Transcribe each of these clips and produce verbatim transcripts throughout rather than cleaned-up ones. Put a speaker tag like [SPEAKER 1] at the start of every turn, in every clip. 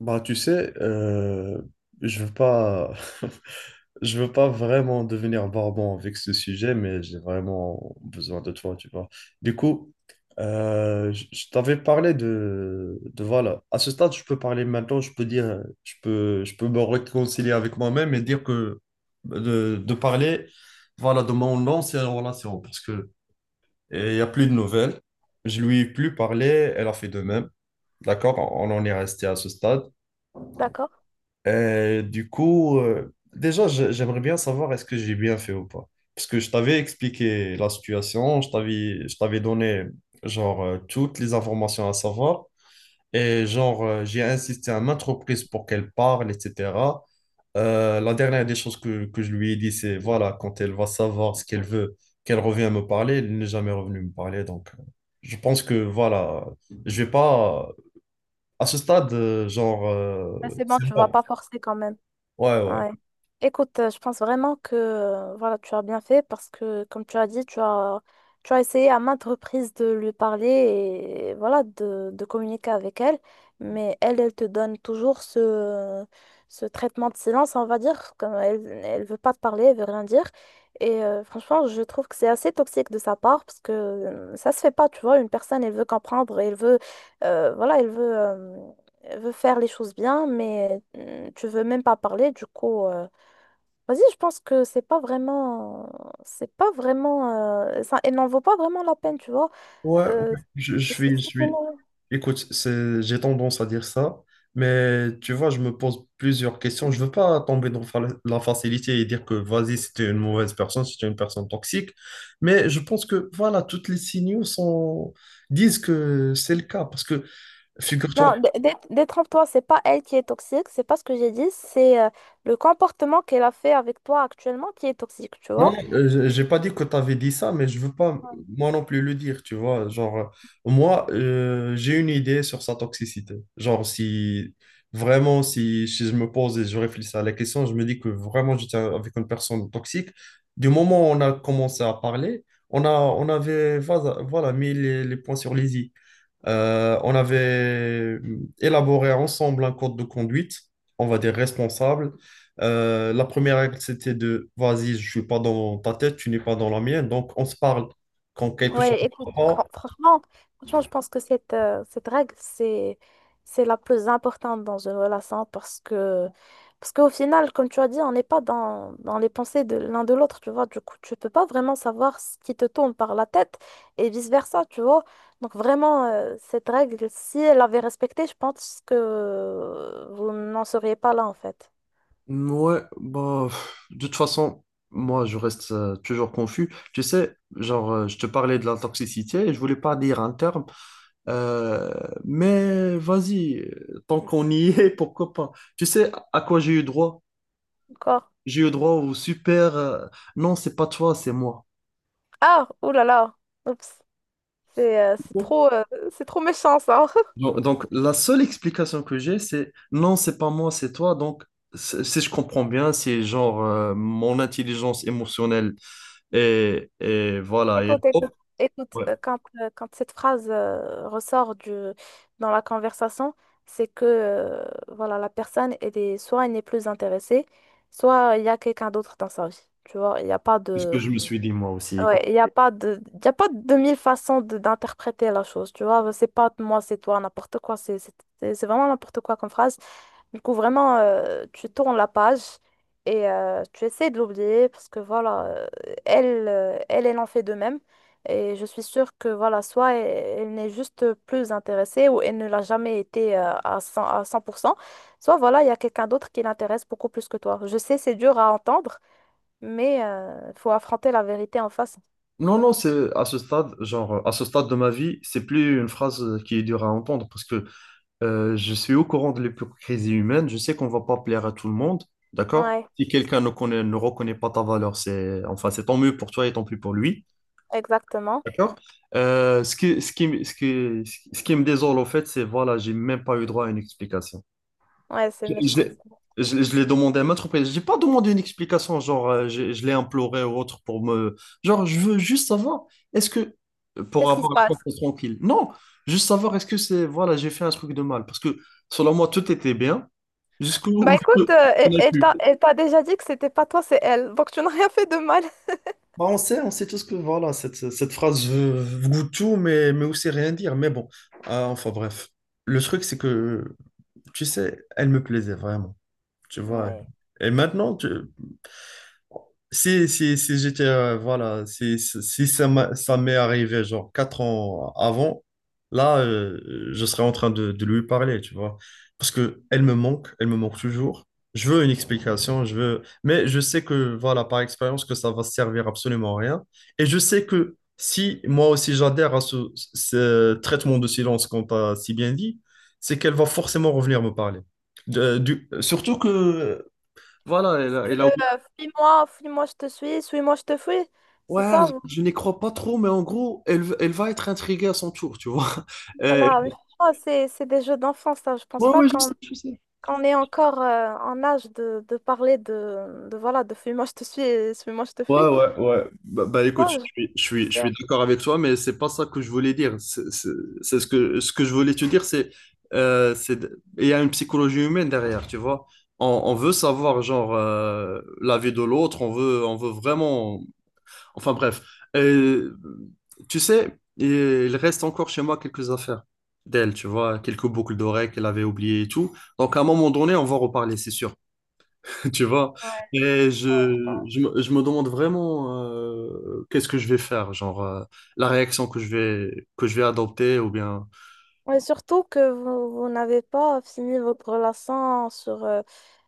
[SPEAKER 1] Bah, tu sais, euh, je veux pas, je veux pas vraiment devenir barbant avec ce sujet, mais j'ai vraiment besoin de toi, tu vois. Du coup, euh, je je t'avais parlé de, de voilà. À ce stade, je peux parler maintenant, je peux dire, je peux, je peux me réconcilier avec moi-même et dire que de, de parler, voilà, de mon ancienne relation, parce que il y a plus de nouvelles. Je lui ai plus parlé, elle a fait de même. D'accord? On en est resté à ce stade.
[SPEAKER 2] D'accord.
[SPEAKER 1] Euh, du coup, euh, déjà, je- j'aimerais bien savoir est-ce que j'ai bien fait ou pas. Parce que je t'avais expliqué la situation, je t'avais, je t'avais donné genre euh, toutes les informations à savoir et genre euh, j'ai insisté à maintes reprises pour qu'elle parle, et cetera. Euh, la dernière des choses que, que je lui ai dit, c'est voilà, quand elle va savoir ce qu'elle veut, qu'elle revienne me parler. Elle n'est jamais revenue me parler, donc euh, je pense que voilà, je vais pas à ce stade, euh, genre euh,
[SPEAKER 2] Ben, c'est bon,
[SPEAKER 1] c'est
[SPEAKER 2] tu vas
[SPEAKER 1] bon.
[SPEAKER 2] pas forcer quand même.
[SPEAKER 1] Ouais, ouais.
[SPEAKER 2] Ouais. Écoute, euh, je pense vraiment que euh, voilà, tu as bien fait parce que, comme tu as dit, tu as, tu as essayé à maintes reprises de lui parler et voilà, de, de communiquer avec elle, mais elle, elle te donne toujours ce, ce traitement de silence, on va dire, comme elle, elle veut pas te parler, elle veut rien dire. Et euh, franchement, je trouve que c'est assez toxique de sa part parce que euh, ça se fait pas, tu vois, une personne, elle veut comprendre, elle veut, euh, voilà, elle veut. Euh, veut faire les choses bien, mais euh, tu veux même pas parler, du coup, euh, vas-y, je pense que c'est pas vraiment, c'est pas vraiment, euh, ça, elle n'en vaut pas vraiment la peine, tu vois.
[SPEAKER 1] Ouais, ouais,
[SPEAKER 2] Euh,
[SPEAKER 1] je, je
[SPEAKER 2] c'est-
[SPEAKER 1] suis, je
[SPEAKER 2] c'est-
[SPEAKER 1] suis. Écoute, c'est, j'ai tendance à dire ça, mais tu vois, je me pose plusieurs questions. Je veux pas tomber dans fa- la facilité et dire que vas-y, c'était une mauvaise personne, c'était une personne toxique, mais je pense que voilà, toutes les signaux sont... disent que c'est le cas, parce que
[SPEAKER 2] non,
[SPEAKER 1] figure-toi.
[SPEAKER 2] dé- dé- détrompe-toi, c'est pas elle qui est toxique, c'est pas ce que j'ai dit, c'est euh, le comportement qu'elle a fait avec toi actuellement qui est toxique, tu
[SPEAKER 1] Non,
[SPEAKER 2] vois.
[SPEAKER 1] non, euh, je- j'ai pas dit que tu avais dit ça, mais je veux pas moi non plus le dire, tu vois. Genre, euh, moi, euh, j'ai une idée sur sa toxicité. Genre, si vraiment, si, si je me pose et je réfléchis à la question, je me dis que vraiment j'étais avec une personne toxique. Du moment où on a commencé à parler, on a, on avait, voilà, voilà, mis les, les points sur les i. Euh, on avait euh, élaboré ensemble un code de conduite, on va dire responsable. Euh, La première règle, c'était de, vas-y, je suis pas dans ta tête, tu n'es pas dans la mienne, donc on se parle. Quand quelque chose
[SPEAKER 2] Ouais,
[SPEAKER 1] ne
[SPEAKER 2] écoute,
[SPEAKER 1] va pas.
[SPEAKER 2] fran- franchement, franchement, je pense que cette, euh, cette règle, c'est, c'est la plus importante dans une relation parce que, parce qu'au final, comme tu as dit, on n'est pas dans, dans les pensées de l'un de l'autre, tu vois. Du coup, tu peux pas vraiment savoir ce qui te tourne par la tête et vice-versa, tu vois. Donc, vraiment, euh, cette règle, si elle avait respecté, je pense que vous n'en seriez pas là, en fait.
[SPEAKER 1] Ouais, bah, pff, de toute façon, moi, je reste euh, toujours confus. Tu sais, genre, euh, je te parlais de la toxicité et je voulais pas dire un terme, euh, mais vas-y, euh, tant qu'on y est, pourquoi pas? Tu sais à quoi j'ai eu droit?
[SPEAKER 2] D'accord?
[SPEAKER 1] J'ai eu droit au super, euh, non, c'est pas toi, c'est moi.
[SPEAKER 2] Ah, oulala, oups, c'est euh, c'est trop, euh, c'est trop méchant, ça.
[SPEAKER 1] Donc, donc, la seule explication que j'ai, c'est non, c'est pas moi, c'est toi. Donc, c'est- si je comprends bien, c'est genre euh, mon intelligence émotionnelle et, et voilà. Et
[SPEAKER 2] Écoute,
[SPEAKER 1] hop,
[SPEAKER 2] écoute, Écoute,
[SPEAKER 1] ouais,
[SPEAKER 2] euh, quand, euh, quand cette phrase euh, ressort du, dans la conversation, c'est que euh, voilà, la personne, elle est, soit elle n'est plus intéressée, soit il y a quelqu'un d'autre dans sa vie. Tu vois, il n'y a pas
[SPEAKER 1] c'est ce que
[SPEAKER 2] de…
[SPEAKER 1] je me suis dit moi aussi.
[SPEAKER 2] Ouais, il n'y a pas de, il y a pas de mille façons de- d'interpréter la chose, tu vois. C'est pas moi, c'est toi, n'importe quoi. C'est c'est- c'est- c'est vraiment n'importe quoi comme phrase. Du coup, vraiment, euh, tu tournes la page et euh, tu essaies de l'oublier parce que voilà, euh, elle, euh, elle, elle en fait de même. Et je suis sûre que voilà, soit elle, elle n'est juste plus intéressée ou elle ne l'a jamais été euh, à cent, à cent pour cent, soit voilà, il y a quelqu'un d'autre qui l'intéresse beaucoup plus que toi. Je sais, c'est dur à entendre, mais il faut affronter la vérité en face.
[SPEAKER 1] Non, non, c'est à ce stade, genre à ce stade de ma vie, c'est plus une phrase qui est dure à entendre parce que euh, je suis au courant de l'hypocrisie humaine. Je sais qu'on va pas plaire à tout le monde, d'accord?
[SPEAKER 2] Ouais,
[SPEAKER 1] Si quelqu'un ne connaît, ne reconnaît pas ta valeur, c'est enfin c'est tant mieux pour toi et tant pis pour lui.
[SPEAKER 2] exactement.
[SPEAKER 1] D'accord? Euh, ce qui, ce qui, ce qui, Ce qui me désole, au fait, c'est voilà, j'ai même pas eu droit à une explication.
[SPEAKER 2] Ouais, c'est
[SPEAKER 1] Je, je
[SPEAKER 2] méchant.
[SPEAKER 1] l'ai
[SPEAKER 2] Ça.
[SPEAKER 1] je- je l'ai demandé à maintes reprises. J'ai pas demandé une explication, genre, euh, je, je l'ai imploré ou autre pour me. Genre, je veux juste savoir, est-ce que. Pour
[SPEAKER 2] Qu'est-ce qui
[SPEAKER 1] avoir
[SPEAKER 2] se
[SPEAKER 1] la
[SPEAKER 2] passe?
[SPEAKER 1] conscience tranquille. Non, juste savoir, est-ce que c'est. Voilà, j'ai fait un truc de mal. Parce que, selon moi, tout était bien,
[SPEAKER 2] Bah
[SPEAKER 1] jusqu'où je
[SPEAKER 2] écoute, euh, elle
[SPEAKER 1] n'ai
[SPEAKER 2] elle
[SPEAKER 1] pu.
[SPEAKER 2] t'a elle t'a déjà dit que c'était pas toi, c'est elle. Donc tu n'as rien fait de mal.
[SPEAKER 1] Bah, on sait, on sait tous que voilà, cette, cette phrase veut, veut tout, mais, mais aussi rien dire. Mais bon. Ah, enfin bref. Le truc, c'est que, tu sais, elle me plaisait vraiment. Tu vois.
[SPEAKER 2] Ouais.
[SPEAKER 1] Et maintenant, tu, si, si, si j'étais, euh, voilà, si, si si ça m'a- ça m'est arrivé genre quatre ans avant, là, euh, je serais en train de, de lui parler, tu vois. Parce que elle me manque, elle me manque toujours. Je veux une explication, je veux... mais je sais que, voilà, par expérience, que ça va servir absolument à rien. Et je sais que si moi aussi j'adhère à ce, ce traitement de silence qu'on t'a si bien dit, c'est qu'elle va forcément revenir me parler. De- du- surtout que. Voilà, elle
[SPEAKER 2] C'est
[SPEAKER 1] a,
[SPEAKER 2] le
[SPEAKER 1] elle a
[SPEAKER 2] Mm. euh, fuis-moi, fuis-moi, je te suis, suis-moi, je te fuis. C'est
[SPEAKER 1] Ouais,
[SPEAKER 2] ça, vous-
[SPEAKER 1] je je n'y crois pas trop, mais en gros, elle, v- elle va être intriguée à son tour, tu vois. Euh,
[SPEAKER 2] voilà. Mais franchement, c'est, c'est des jeux d'enfance, ça. Je pense
[SPEAKER 1] ouais,
[SPEAKER 2] pas
[SPEAKER 1] ouais, je
[SPEAKER 2] qu'on
[SPEAKER 1] sais, je sais.
[SPEAKER 2] qu'on est encore euh, en âge de, de parler de, de, voilà, de fuis-moi, je te suis et suis-moi, je te
[SPEAKER 1] Ouais,
[SPEAKER 2] fuis.
[SPEAKER 1] ouais, ouais. Bah, bah,
[SPEAKER 2] Ouais,
[SPEAKER 1] écoute, je
[SPEAKER 2] je- trouve
[SPEAKER 1] suis, je suis,
[SPEAKER 2] que
[SPEAKER 1] je
[SPEAKER 2] c'est-
[SPEAKER 1] suis d'accord avec toi, mais c'est pas ça que je voulais dire. C'est c'est- c'est ce que, ce que, je voulais te dire, c'est euh, c'est de- il y a une psychologie humaine derrière, tu vois. On, on veut savoir, genre, euh, la vie de l'autre, on veut, on veut vraiment. Enfin bref. Euh, Tu sais, il reste encore chez moi quelques affaires d'elle, tu vois, quelques boucles d'oreilles qu'elle avait oubliées et tout. Donc à un moment donné, on va reparler, c'est sûr, tu vois. Et je, je, me je me demande vraiment euh, qu'est-ce que je vais faire, genre euh, la réaction que je vais, que je vais adopter ou bien.
[SPEAKER 2] Et surtout que vous, vous n'avez pas fini votre relation sur, euh,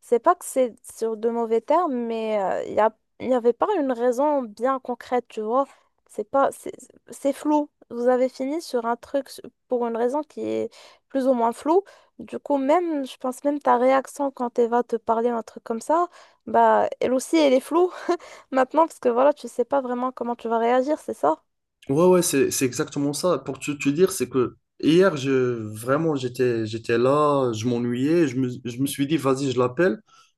[SPEAKER 2] c'est pas que c'est sur de mauvais termes, mais euh, il y a, il y avait pas une raison bien concrète, tu vois. C'est pas, c'est c'est flou. Vous avez fini sur un truc s- pour une raison qui est plus ou moins floue. Du coup, même, je pense même ta réaction quand Eva te parlait un truc comme ça, bah, elle aussi, elle est floue maintenant parce que voilà, tu sais pas vraiment comment tu vas réagir, c'est ça?
[SPEAKER 1] Ouais, ouais, c'est, c'est exactement ça. Pour te, te dire, c'est que hier, je, vraiment, j'étais, j'étais là, je m'ennuyais, je me, je me suis dit, vas-y, je l'appelle,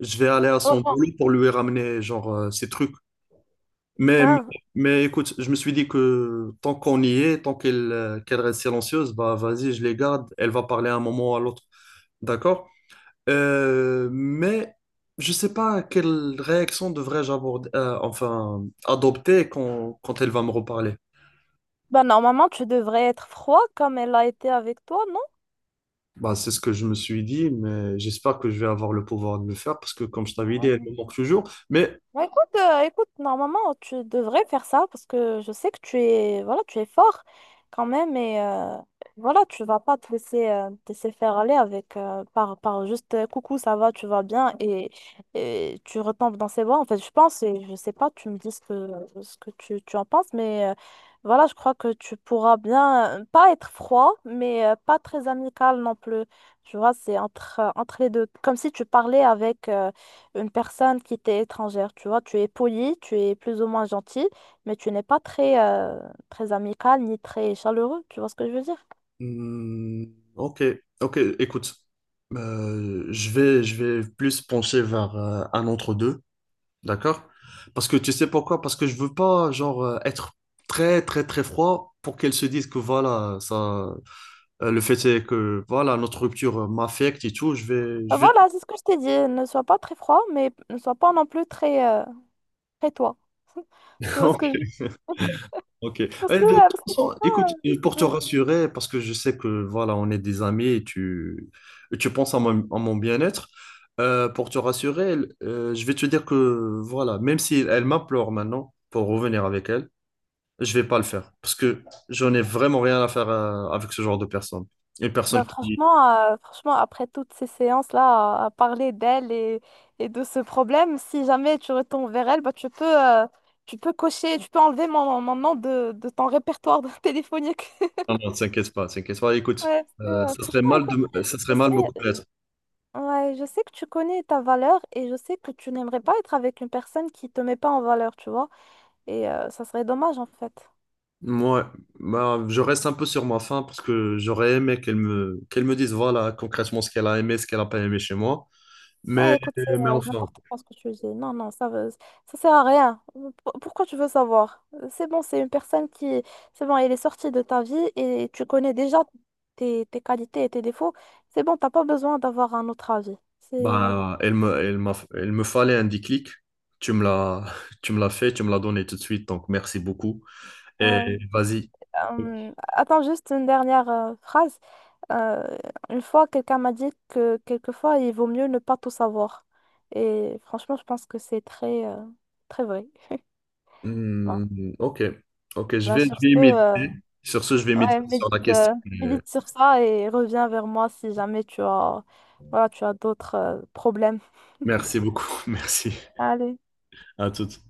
[SPEAKER 1] je vais aller à son
[SPEAKER 2] Oh, bon.
[SPEAKER 1] boulot pour lui ramener, genre, euh, ses trucs. Mais, mais,
[SPEAKER 2] Hein?
[SPEAKER 1] mais écoute, je me suis dit que tant qu'on y est, tant qu'elle euh, qu'elle reste silencieuse, bah, vas-y, je les garde, elle va parler à un moment ou à l'autre. D'accord? Euh, mais je sais pas quelle réaction devrais-je aborder, euh, enfin, adopter quand, quand elle va me reparler.
[SPEAKER 2] Bah, normalement, tu devrais être froid comme elle a été avec toi,
[SPEAKER 1] Bah, c'est ce que je me suis dit, mais j'espère que je vais avoir le pouvoir de le faire parce que, comme je t'avais dit, elle
[SPEAKER 2] non?
[SPEAKER 1] me manque toujours. Mais,
[SPEAKER 2] Bah, écoute, euh, écoute, normalement, tu devrais faire ça parce que je sais que tu es, voilà, tu es fort quand même et euh, voilà, tu vas pas te laisser, euh, te laisser faire aller avec euh, par, par juste euh, coucou, ça va, tu vas bien et, et tu retombes dans ses bras. En fait, je pense et je sais pas, tu me dis ce que, ce que tu, tu en penses, mais euh, voilà, je crois que tu pourras bien, euh, pas être froid, mais euh, pas très amical non plus. Tu vois, c'est entre, entre les deux, comme si tu parlais avec. euh, une personne qui t'est étrangère, tu vois. Tu es poli, tu es plus ou moins gentil, mais tu n'es pas très, euh, très amical ni très chaleureux, tu vois ce que je veux dire?
[SPEAKER 1] hmm, ok, ok, écoute, euh, je vais, je vais plus pencher vers euh, un entre deux, d'accord? Parce que tu sais pourquoi? Parce que je veux pas, genre, euh, être très, très, très froid pour qu'elle se dise que voilà, ça, euh, le fait est que voilà, notre rupture m'affecte et tout. Je vais,
[SPEAKER 2] Euh,
[SPEAKER 1] je vais,
[SPEAKER 2] Voilà, c'est ce que je t'ai dit. Ne sois pas très froid, mais ne sois pas non plus très, euh, très toi. Tu vois ce que je veux dire?
[SPEAKER 1] Ok.
[SPEAKER 2] Parce
[SPEAKER 1] Euh,
[SPEAKER 2] que,
[SPEAKER 1] de
[SPEAKER 2] euh,
[SPEAKER 1] toute
[SPEAKER 2] parce que
[SPEAKER 1] façon, écoute,
[SPEAKER 2] sinon,
[SPEAKER 1] euh, pour te
[SPEAKER 2] euh, ouais.
[SPEAKER 1] rassurer, parce que je sais que voilà, on est des amis et tu, et tu penses à mon, à mon, bien-être, euh, pour te rassurer, euh, je vais te dire que voilà, même si elle m'implore maintenant pour revenir avec elle, je vais pas le faire parce que j'en ai vraiment rien à faire euh, avec ce genre de personne. Une
[SPEAKER 2] Bah,
[SPEAKER 1] personne qui,
[SPEAKER 2] franchement, euh, franchement, après toutes ces séances-là, à, à parler d'elle et, et de ce problème, si jamais tu retournes vers elle, bah, tu peux, euh, tu peux cocher, tu peux enlever mon, mon nom de, de ton répertoire de téléphonique.
[SPEAKER 1] non, non, t'inquiète pas, t'inquiète pas. Écoute,
[SPEAKER 2] Ouais, parce que,
[SPEAKER 1] euh,
[SPEAKER 2] euh,
[SPEAKER 1] ça serait
[SPEAKER 2] franchement,
[SPEAKER 1] mal de,
[SPEAKER 2] écoute, euh,
[SPEAKER 1] me- ça serait
[SPEAKER 2] je
[SPEAKER 1] mal de me
[SPEAKER 2] sais,
[SPEAKER 1] couper.
[SPEAKER 2] ouais, je sais que tu connais ta valeur et je sais que tu n'aimerais pas être avec une personne qui te met pas en valeur, tu vois. Et euh, ça serait dommage en fait.
[SPEAKER 1] Moi, bah, je reste un peu sur ma faim parce que j'aurais aimé qu'elle me, qu'elle me dise voilà concrètement ce qu'elle a aimé, ce qu'elle n'a pas aimé chez moi.
[SPEAKER 2] Ah,
[SPEAKER 1] Mais,
[SPEAKER 2] écoute, c'est
[SPEAKER 1] mais
[SPEAKER 2] euh,
[SPEAKER 1] enfin,
[SPEAKER 2] n'importe quoi ce que tu dis. Non, non, ça veut, ça sert à rien. Pour- pourquoi tu veux savoir? C'est bon, c'est une personne qui, c'est bon, elle est sortie de ta vie et tu connais déjà tes, tes qualités et tes défauts. C'est bon, t'as pas besoin d'avoir un autre avis. C'est,
[SPEAKER 1] bah, elle me, elle m'a, elle me fallait un déclic. Tu me l'as, tu me l'as fait, tu me l'as donné tout de suite, donc merci beaucoup. Et
[SPEAKER 2] ouais.
[SPEAKER 1] vas-y.
[SPEAKER 2] Euh, attends juste une dernière euh, phrase. Euh, une fois, quelqu'un m'a dit que quelquefois, il vaut mieux ne pas tout savoir. Et franchement, je pense que c'est très, euh, très vrai. Voilà.
[SPEAKER 1] Hmm, ok, ok, je
[SPEAKER 2] Bah,
[SPEAKER 1] vais, je
[SPEAKER 2] sur ce,
[SPEAKER 1] vais
[SPEAKER 2] euh,
[SPEAKER 1] méditer. Sur ce, je vais
[SPEAKER 2] ouais,
[SPEAKER 1] méditer sur la
[SPEAKER 2] médite,
[SPEAKER 1] question.
[SPEAKER 2] euh,
[SPEAKER 1] Euh,
[SPEAKER 2] médite sur ça et reviens vers moi si jamais tu as, voilà, tu as d'autres, euh, problèmes.
[SPEAKER 1] Merci beaucoup, merci
[SPEAKER 2] Allez.
[SPEAKER 1] à toutes.